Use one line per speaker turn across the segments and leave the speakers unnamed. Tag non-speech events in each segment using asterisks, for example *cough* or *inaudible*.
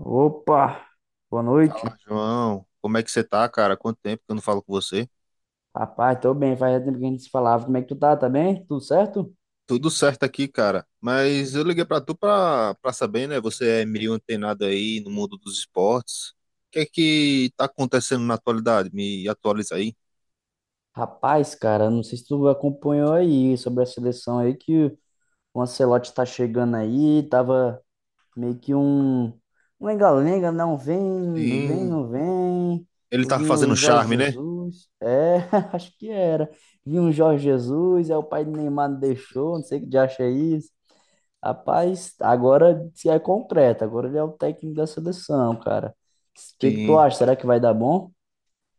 Opa, boa noite.
João, como é que você tá, cara? Quanto tempo que eu não falo com você?
Rapaz, tô bem, faz tempo que a gente se falava. Como é que tu tá? Tá bem? Tudo certo?
Tudo certo aqui, cara. Mas eu liguei pra tu pra saber, né? Você é meio antenado aí no mundo dos esportes. O que é que tá acontecendo na atualidade? Me atualiza aí.
Rapaz, cara, não sei se tu acompanhou aí sobre a seleção aí que o Ancelotti tá chegando aí, tava meio que um lenga-lenga, não vem, vem,
Sim,
não vem.
ele tá
Vinha o
fazendo
Jorge
charme, né?
Jesus, é, *laughs* acho que era. Vinha o Jorge Jesus, é o pai do Neymar não deixou, não sei o que de acha isso. Rapaz, agora se é concreto, agora ele é o técnico da seleção, cara. O que que tu
Sim.
acha? Será que vai dar bom?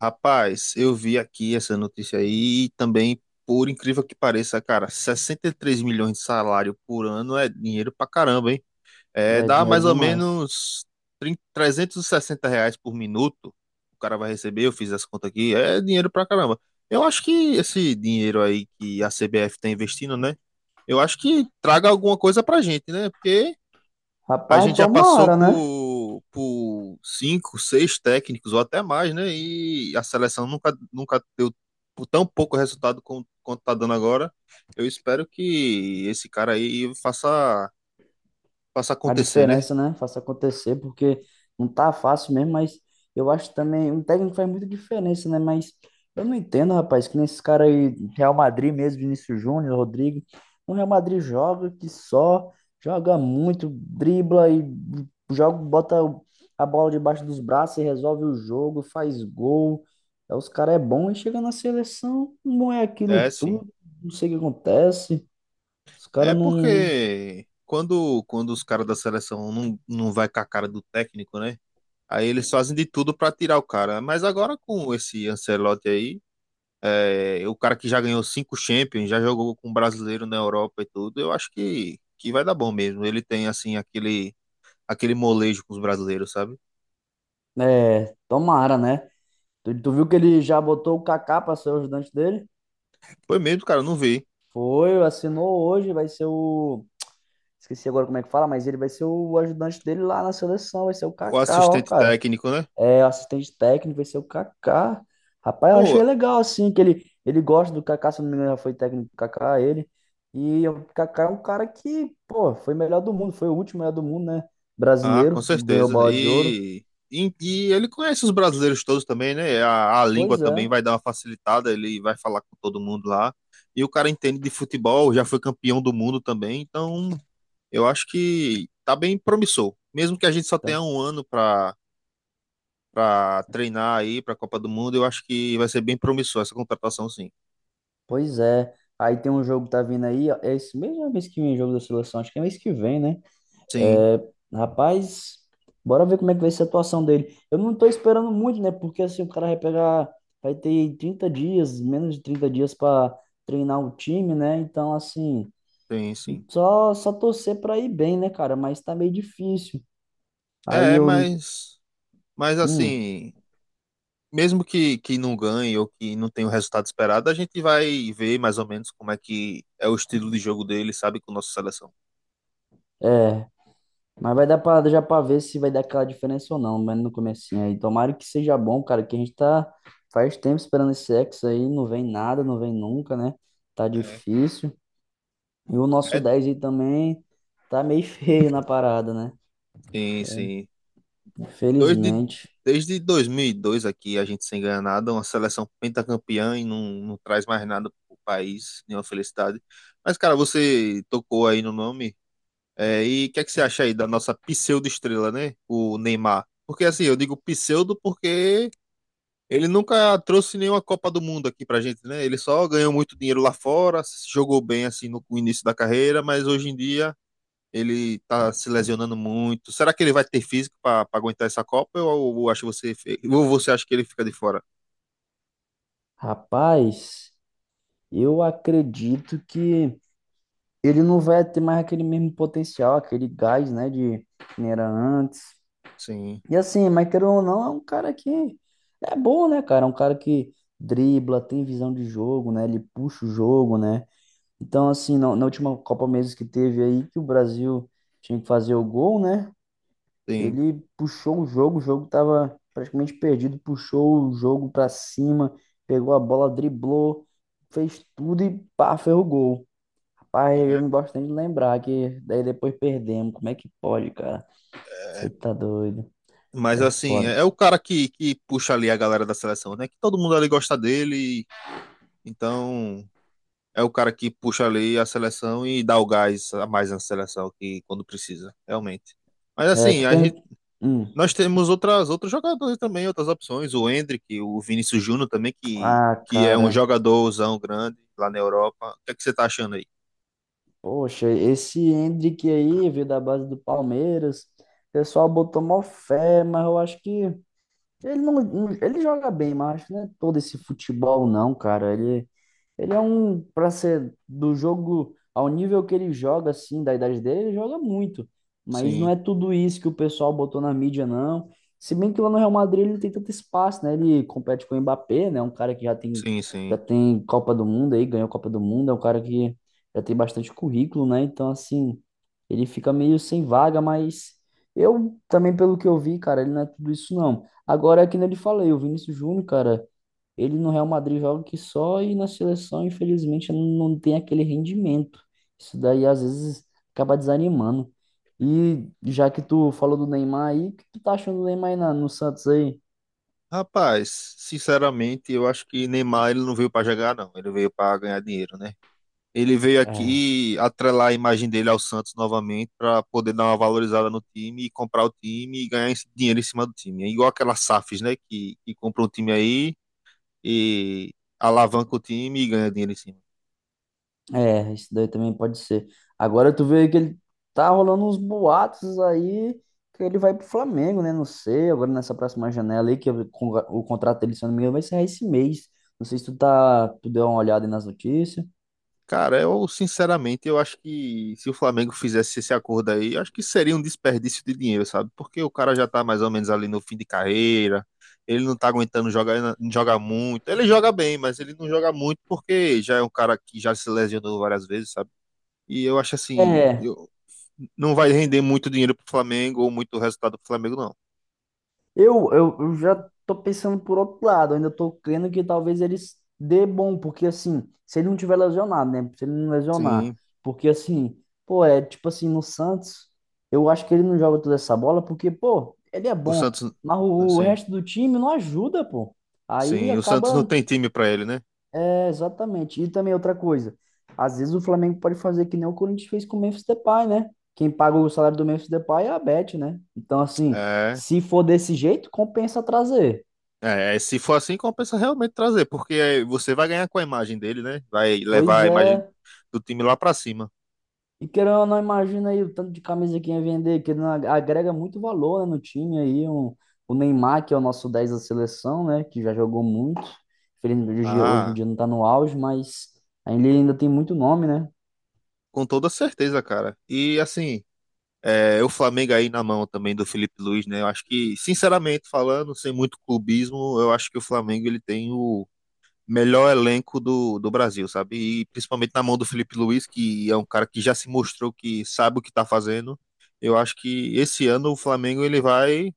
Rapaz, eu vi aqui essa notícia aí e também, por incrível que pareça, cara, 63 milhões de salário por ano é dinheiro pra caramba, hein? É,
É
dá
dinheiro
mais ou
demais.
menos trinta R$ 360 por minuto. O cara vai receber, eu fiz essa conta aqui. É dinheiro pra caramba. Eu acho que esse dinheiro aí que a CBF tá investindo, né? Eu acho que traga alguma coisa pra gente, né? Porque a
Rapaz,
gente já passou
tomara, né?
por cinco, seis técnicos ou até mais, né? E a seleção nunca deu tão pouco resultado quanto tá dando agora. Eu espero que esse cara aí faça
A
acontecer, né?
diferença, né? Faça acontecer, porque não tá fácil mesmo, mas eu acho também, um técnico faz muita diferença, né? Mas eu não entendo, rapaz, que nem esses caras aí, Real Madrid mesmo, Vinícius Júnior, Rodrigo, o Real Madrid joga que só, joga muito, dribla e joga, bota a bola debaixo dos braços e resolve o jogo, faz gol. Aí os caras é bom e chega na seleção, não é aquilo
É, sim.
tudo, não sei o que acontece. Os
É
caras não,
porque quando os caras da seleção não vai com a cara do técnico, né? Aí eles fazem de tudo pra tirar o cara. Mas agora com esse Ancelotti aí, o cara que já ganhou cinco Champions, já jogou com um brasileiro na Europa e tudo, eu acho que vai dar bom mesmo. Ele tem, assim, aquele molejo com os brasileiros, sabe?
é, tomara, né? Tu viu que ele já botou o Kaká para ser o ajudante dele?
Foi mesmo, cara, eu não vi.
Foi, assinou hoje, vai ser o. Esqueci agora como é que fala, mas ele vai ser o ajudante dele lá na seleção, vai ser o
O
Kaká, ó,
assistente
cara.
técnico, né?
É assistente técnico, vai ser o Kaká. Rapaz, eu
Pô,
achei legal, assim, que ele gosta do Kaká, se eu não me engano, já foi técnico do Kaká, ele. E o Kaká é um cara que, pô, foi melhor do mundo, foi o último melhor do mundo, né?
ah, com
Brasileiro, ganhou
certeza.
bola de ouro.
E ele conhece os brasileiros todos também, né? A língua
Pois
também
é.
vai dar uma facilitada, ele vai falar com todo mundo lá. E o cara entende de futebol, já foi campeão do mundo também, então eu acho que tá bem promissor. Mesmo que a gente só tenha
Então,
um ano para treinar aí para a Copa do Mundo, eu acho que vai ser bem promissor essa contratação, sim.
pois é. Aí tem um jogo que tá vindo aí, ó, é esse mesmo é mês que vem o jogo da seleção, acho que é mês que vem, né?
Sim,
É, rapaz, bora ver como é que vai ser a atuação dele. Eu não tô esperando muito, né? Porque assim, o cara vai pegar, vai ter 30 dias, menos de 30 dias pra treinar o time, né? Então, assim,
sim, sim.
só torcer pra ir bem, né, cara? Mas tá meio difícil. Aí
É,
eu,
mas
hum,
assim, mesmo que não ganhe ou que não tenha o resultado esperado, a gente vai ver mais ou menos como é que é o estilo de jogo dele, sabe, com a nossa seleção.
mas vai dar pra, já pra ver se vai dar aquela diferença ou não, mas no comecinho aí. Tomara que seja bom, cara, que a gente tá faz tempo esperando esse sexo aí, não vem nada, não vem nunca, né? Tá
É,
difícil. E o nosso
é-
dez aí também tá meio *laughs* feio na parada, né?
Sim, sim. Desde,
Infelizmente.
Desde 2002 aqui, a gente sem ganhar nada, uma seleção pentacampeã e não traz mais nada pro país, nenhuma felicidade. Mas, cara, você tocou aí no nome, e o que é que você acha aí da nossa pseudo-estrela, né? O Neymar. Porque, assim, eu digo pseudo porque ele nunca trouxe nenhuma Copa do Mundo aqui pra gente, né? Ele só ganhou muito dinheiro lá fora, se jogou bem assim no início da carreira, mas hoje em dia ele tá se lesionando muito. Será que ele vai ter físico pra aguentar essa Copa? Ou você acha que ele fica de fora?
Rapaz, eu acredito que ele não vai ter mais aquele mesmo potencial, aquele gás, né, de que nem era antes.
Sim,
E assim, mas querendo ou não, é um cara que é bom, né, cara? É um cara que dribla, tem visão de jogo, né? Ele puxa o jogo, né? Então, assim, na última Copa Mesas que teve aí, que o Brasil tinha que fazer o gol, né?
sim.
Ele puxou o jogo tava praticamente perdido, puxou o jogo pra cima, pegou a bola, driblou, fez tudo e pá, fez o gol. Rapaz, eu não gosto nem de lembrar que daí depois perdemos. Como é que pode, cara? Você tá doido.
Mas
É
assim,
foda.
é o cara que puxa ali a galera da seleção, né? Que todo mundo ali gosta dele, então é o cara que puxa ali a seleção e dá o gás a mais na seleção que quando precisa, realmente. Mas
É,
assim,
tu
a gente
pergunta... Hum.
nós temos outros jogadores também, outras opções. O Endrick, o Vinícius Júnior também,
Ah,
que é um
cara.
jogadorzão grande lá na Europa. O que é que você tá achando aí?
Poxa, esse Hendrick aí veio da base do Palmeiras. O pessoal botou mó fé, mas eu acho que ele não, não- ele joga bem, mas acho que não é todo esse futebol não, cara. Ele Ele é um, para ser do jogo, ao nível que ele joga, assim, da idade dele, ele joga muito. Mas não
Sim,
é tudo isso que o pessoal botou na mídia, não. Se bem que lá no Real Madrid ele não tem tanto espaço, né? Ele compete com o Mbappé, né? Um cara que
sim,
já
sim.
tem Copa do Mundo aí, ganhou Copa do Mundo, é um cara que já tem bastante currículo, né? Então, assim, ele fica meio sem vaga, mas eu também, pelo que eu vi, cara, ele não é tudo isso, não. Agora, é que nem eu lhe falei, o Vinícius Júnior, cara. Ele no Real Madrid joga que só e na seleção, infelizmente, não tem aquele rendimento. Isso daí às vezes acaba desanimando. E já que tu falou do Neymar aí, o que tu tá achando do Neymar aí na- no Santos aí?
Rapaz, sinceramente, eu acho que Neymar ele não veio para jogar, não. Ele veio para ganhar dinheiro, né? Ele veio
É,
aqui atrelar a imagem dele ao Santos novamente para poder dar uma valorizada no time e comprar o time e ganhar esse dinheiro em cima do time. É igual aquelas SAFs, né? Que compra um time aí e alavanca o time e ganha dinheiro em cima.
é, isso daí também pode ser. Agora tu vê que ele tá rolando uns boatos aí que ele vai pro Flamengo, né? Não sei, agora nessa próxima janela aí, o contrato dele, se eu não me engano, vai ser esse mês. Não sei se tu tá, tu deu uma olhada aí nas notícias.
Cara, eu sinceramente eu acho que se o Flamengo fizesse esse acordo aí, eu acho que seria um desperdício de dinheiro, sabe? Porque o cara já tá mais ou menos ali no fim de carreira, ele não tá aguentando jogar muito. Ele joga bem, mas ele não joga muito porque já é um cara que já se lesionou várias vezes, sabe? E eu acho assim,
É,
não vai render muito dinheiro pro Flamengo ou muito resultado pro Flamengo, não.
eu já tô pensando por outro lado, ainda tô crendo que talvez eles dê bom, porque assim, se ele não tiver lesionado, né? Se ele não lesionar,
Sim,
porque assim, pô, é tipo assim, no Santos, eu acho que ele não joga toda essa bola, porque, pô, ele é
o
bom,
Santos,
mas o
assim,
resto do time não ajuda, pô. Aí
sim, o Santos não
acaba
tem time pra ele, né?
é, exatamente. E também outra coisa, às vezes o Flamengo pode fazer que nem o Corinthians fez com o Memphis Depay, né? Quem paga o salário do Memphis Depay é a Bet, né? Então, assim,
É.
se for desse jeito, compensa trazer.
Se for assim, compensa realmente trazer, porque você vai ganhar com a imagem dele, né? Vai levar
Pois
a imagem
é.
do time lá pra cima.
E querendo ou não, imagina aí o tanto de camisa que ia vender, que não agrega muito valor, né, no time aí. Um, o Neymar, que é o nosso 10 da seleção, né? Que já jogou muito. Infelizmente, hoje, hoje em
Ah,
dia não tá no auge, mas ele ainda tem muito nome, né?
com toda certeza, cara. E assim, o Flamengo aí na mão também do Felipe Luiz, né? Eu acho que, sinceramente falando, sem muito clubismo, eu acho que o Flamengo ele tem o melhor elenco do Brasil, sabe? E principalmente na mão do Felipe Luiz, que é um cara que já se mostrou que sabe o que tá fazendo. Eu acho que esse ano o Flamengo ele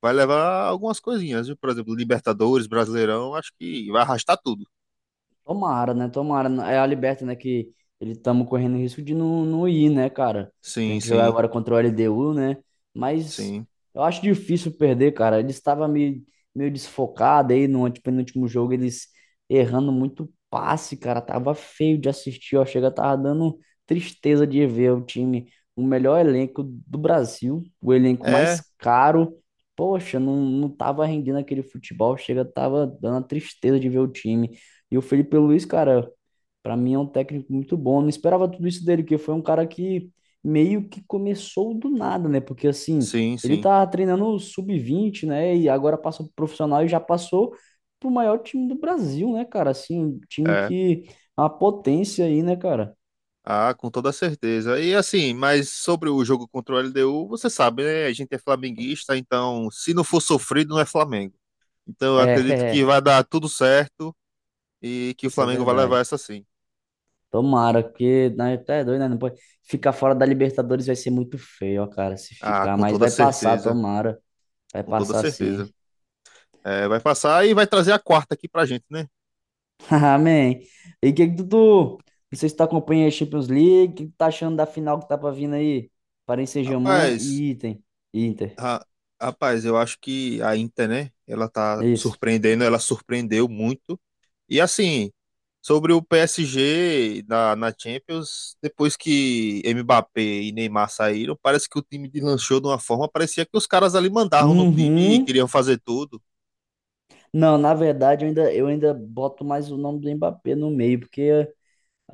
vai levar algumas coisinhas, viu? Por exemplo, Libertadores, Brasileirão, acho que vai arrastar tudo.
Tomara, né? Tomara. É a Liberta, né? Que ele estamos correndo risco de não, não ir, né, cara?
Sim,
Tem que jogar
sim,
agora contra o LDU, né? Mas
sim.
eu acho difícil perder, cara. Ele estava meio desfocado aí no antepenúltimo jogo, eles errando muito passe, cara. Tava feio de assistir, ó. Chega, tava dando tristeza de ver o time, o melhor elenco do Brasil, o elenco mais
É,
caro. Poxa, não, não tava rendendo aquele futebol, chega, tava dando a tristeza de ver o time. E o Felipe Luiz, cara, para mim é um técnico muito bom. Eu não esperava tudo isso dele, porque foi um cara que meio que começou do nada, né? Porque assim,
sim,
ele
sim.
tá treinando o sub-20 né? E agora passa pro profissional e já passou pro maior time do Brasil, né, cara? Assim, um time
É.
que é uma potência aí, né, cara?
Ah, com toda certeza. E assim, mas sobre o jogo contra o LDU, você sabe, né? A gente é flamenguista, então se não for sofrido, não é Flamengo. Então eu
É, *laughs*
acredito que
é,
vai dar tudo certo e que o
isso é
Flamengo vai levar
verdade.
essa sim.
Tomara, porque né, até é doido, né? Não pode... Ficar fora da Libertadores vai ser muito feio, ó, cara, se
Ah,
ficar,
com
mas
toda
vai passar,
certeza,
tomara. Vai
com toda
passar sim.
certeza. É, vai passar e vai trazer a quarta aqui pra gente, né?
*laughs* Amém. E o que que não sei se tu acompanha a Champions League, o que que tu tá achando da final que tá pra vir aí? Paris Saint-Germain
Rapaz,
e Inter. Inter.
Ra- Rapaz, eu acho que a Inter, né? Ela tá
É isso.
surpreendendo, ela surpreendeu muito. E assim, sobre o PSG na Champions, depois que Mbappé e Neymar saíram, parece que o time deslanchou de uma forma, parecia que os caras ali mandavam no time e
Uhum.
queriam fazer tudo.
Não, na verdade, eu ainda boto mais o nome do Mbappé no meio, porque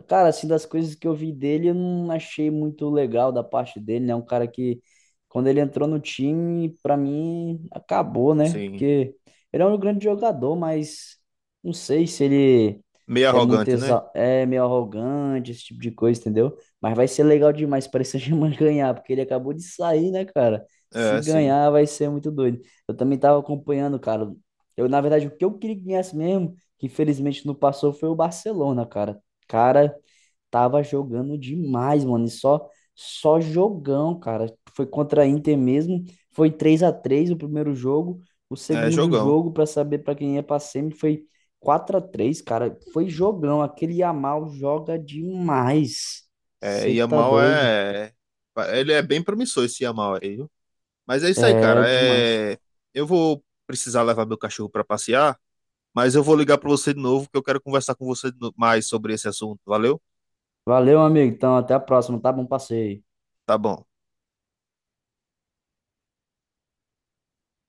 cara, assim, das coisas que eu vi dele, eu não achei muito legal da parte dele, né? Um cara que, quando ele entrou no time, pra mim, acabou, né?
Sim,
Porque ele é um grande jogador, mas não sei se ele
meio
é muito
arrogante, né?
exa... é meio arrogante, esse tipo de coisa, entendeu? Mas vai ser legal demais para esse Germain *laughs* ganhar, porque ele acabou de sair, né, cara? Se
É, sim.
ganhar, vai ser muito doido. Eu também tava acompanhando, cara. Eu, na verdade, o que eu queria que ganhasse mesmo, que infelizmente não passou, foi o Barcelona, cara. Cara, tava jogando demais, mano. E só jogão, cara. Foi contra a Inter mesmo. Foi 3-3 o primeiro jogo. O
É
segundo
jogão.
jogo, pra saber pra quem ia pra semi, foi 4-3, cara. Foi jogão. Aquele Yamal joga demais.
É,
Você tá
Yamal
doido?
é. Ele é bem promissor esse Yamal aí, viu? Mas é isso aí,
É,
cara.
demais.
Eu vou precisar levar meu cachorro pra passear. Mas eu vou ligar para você de novo, que eu quero conversar com você mais sobre esse assunto. Valeu?
Valeu, amigo. Então, até a próxima, tá? Bom passeio.
Tá bom.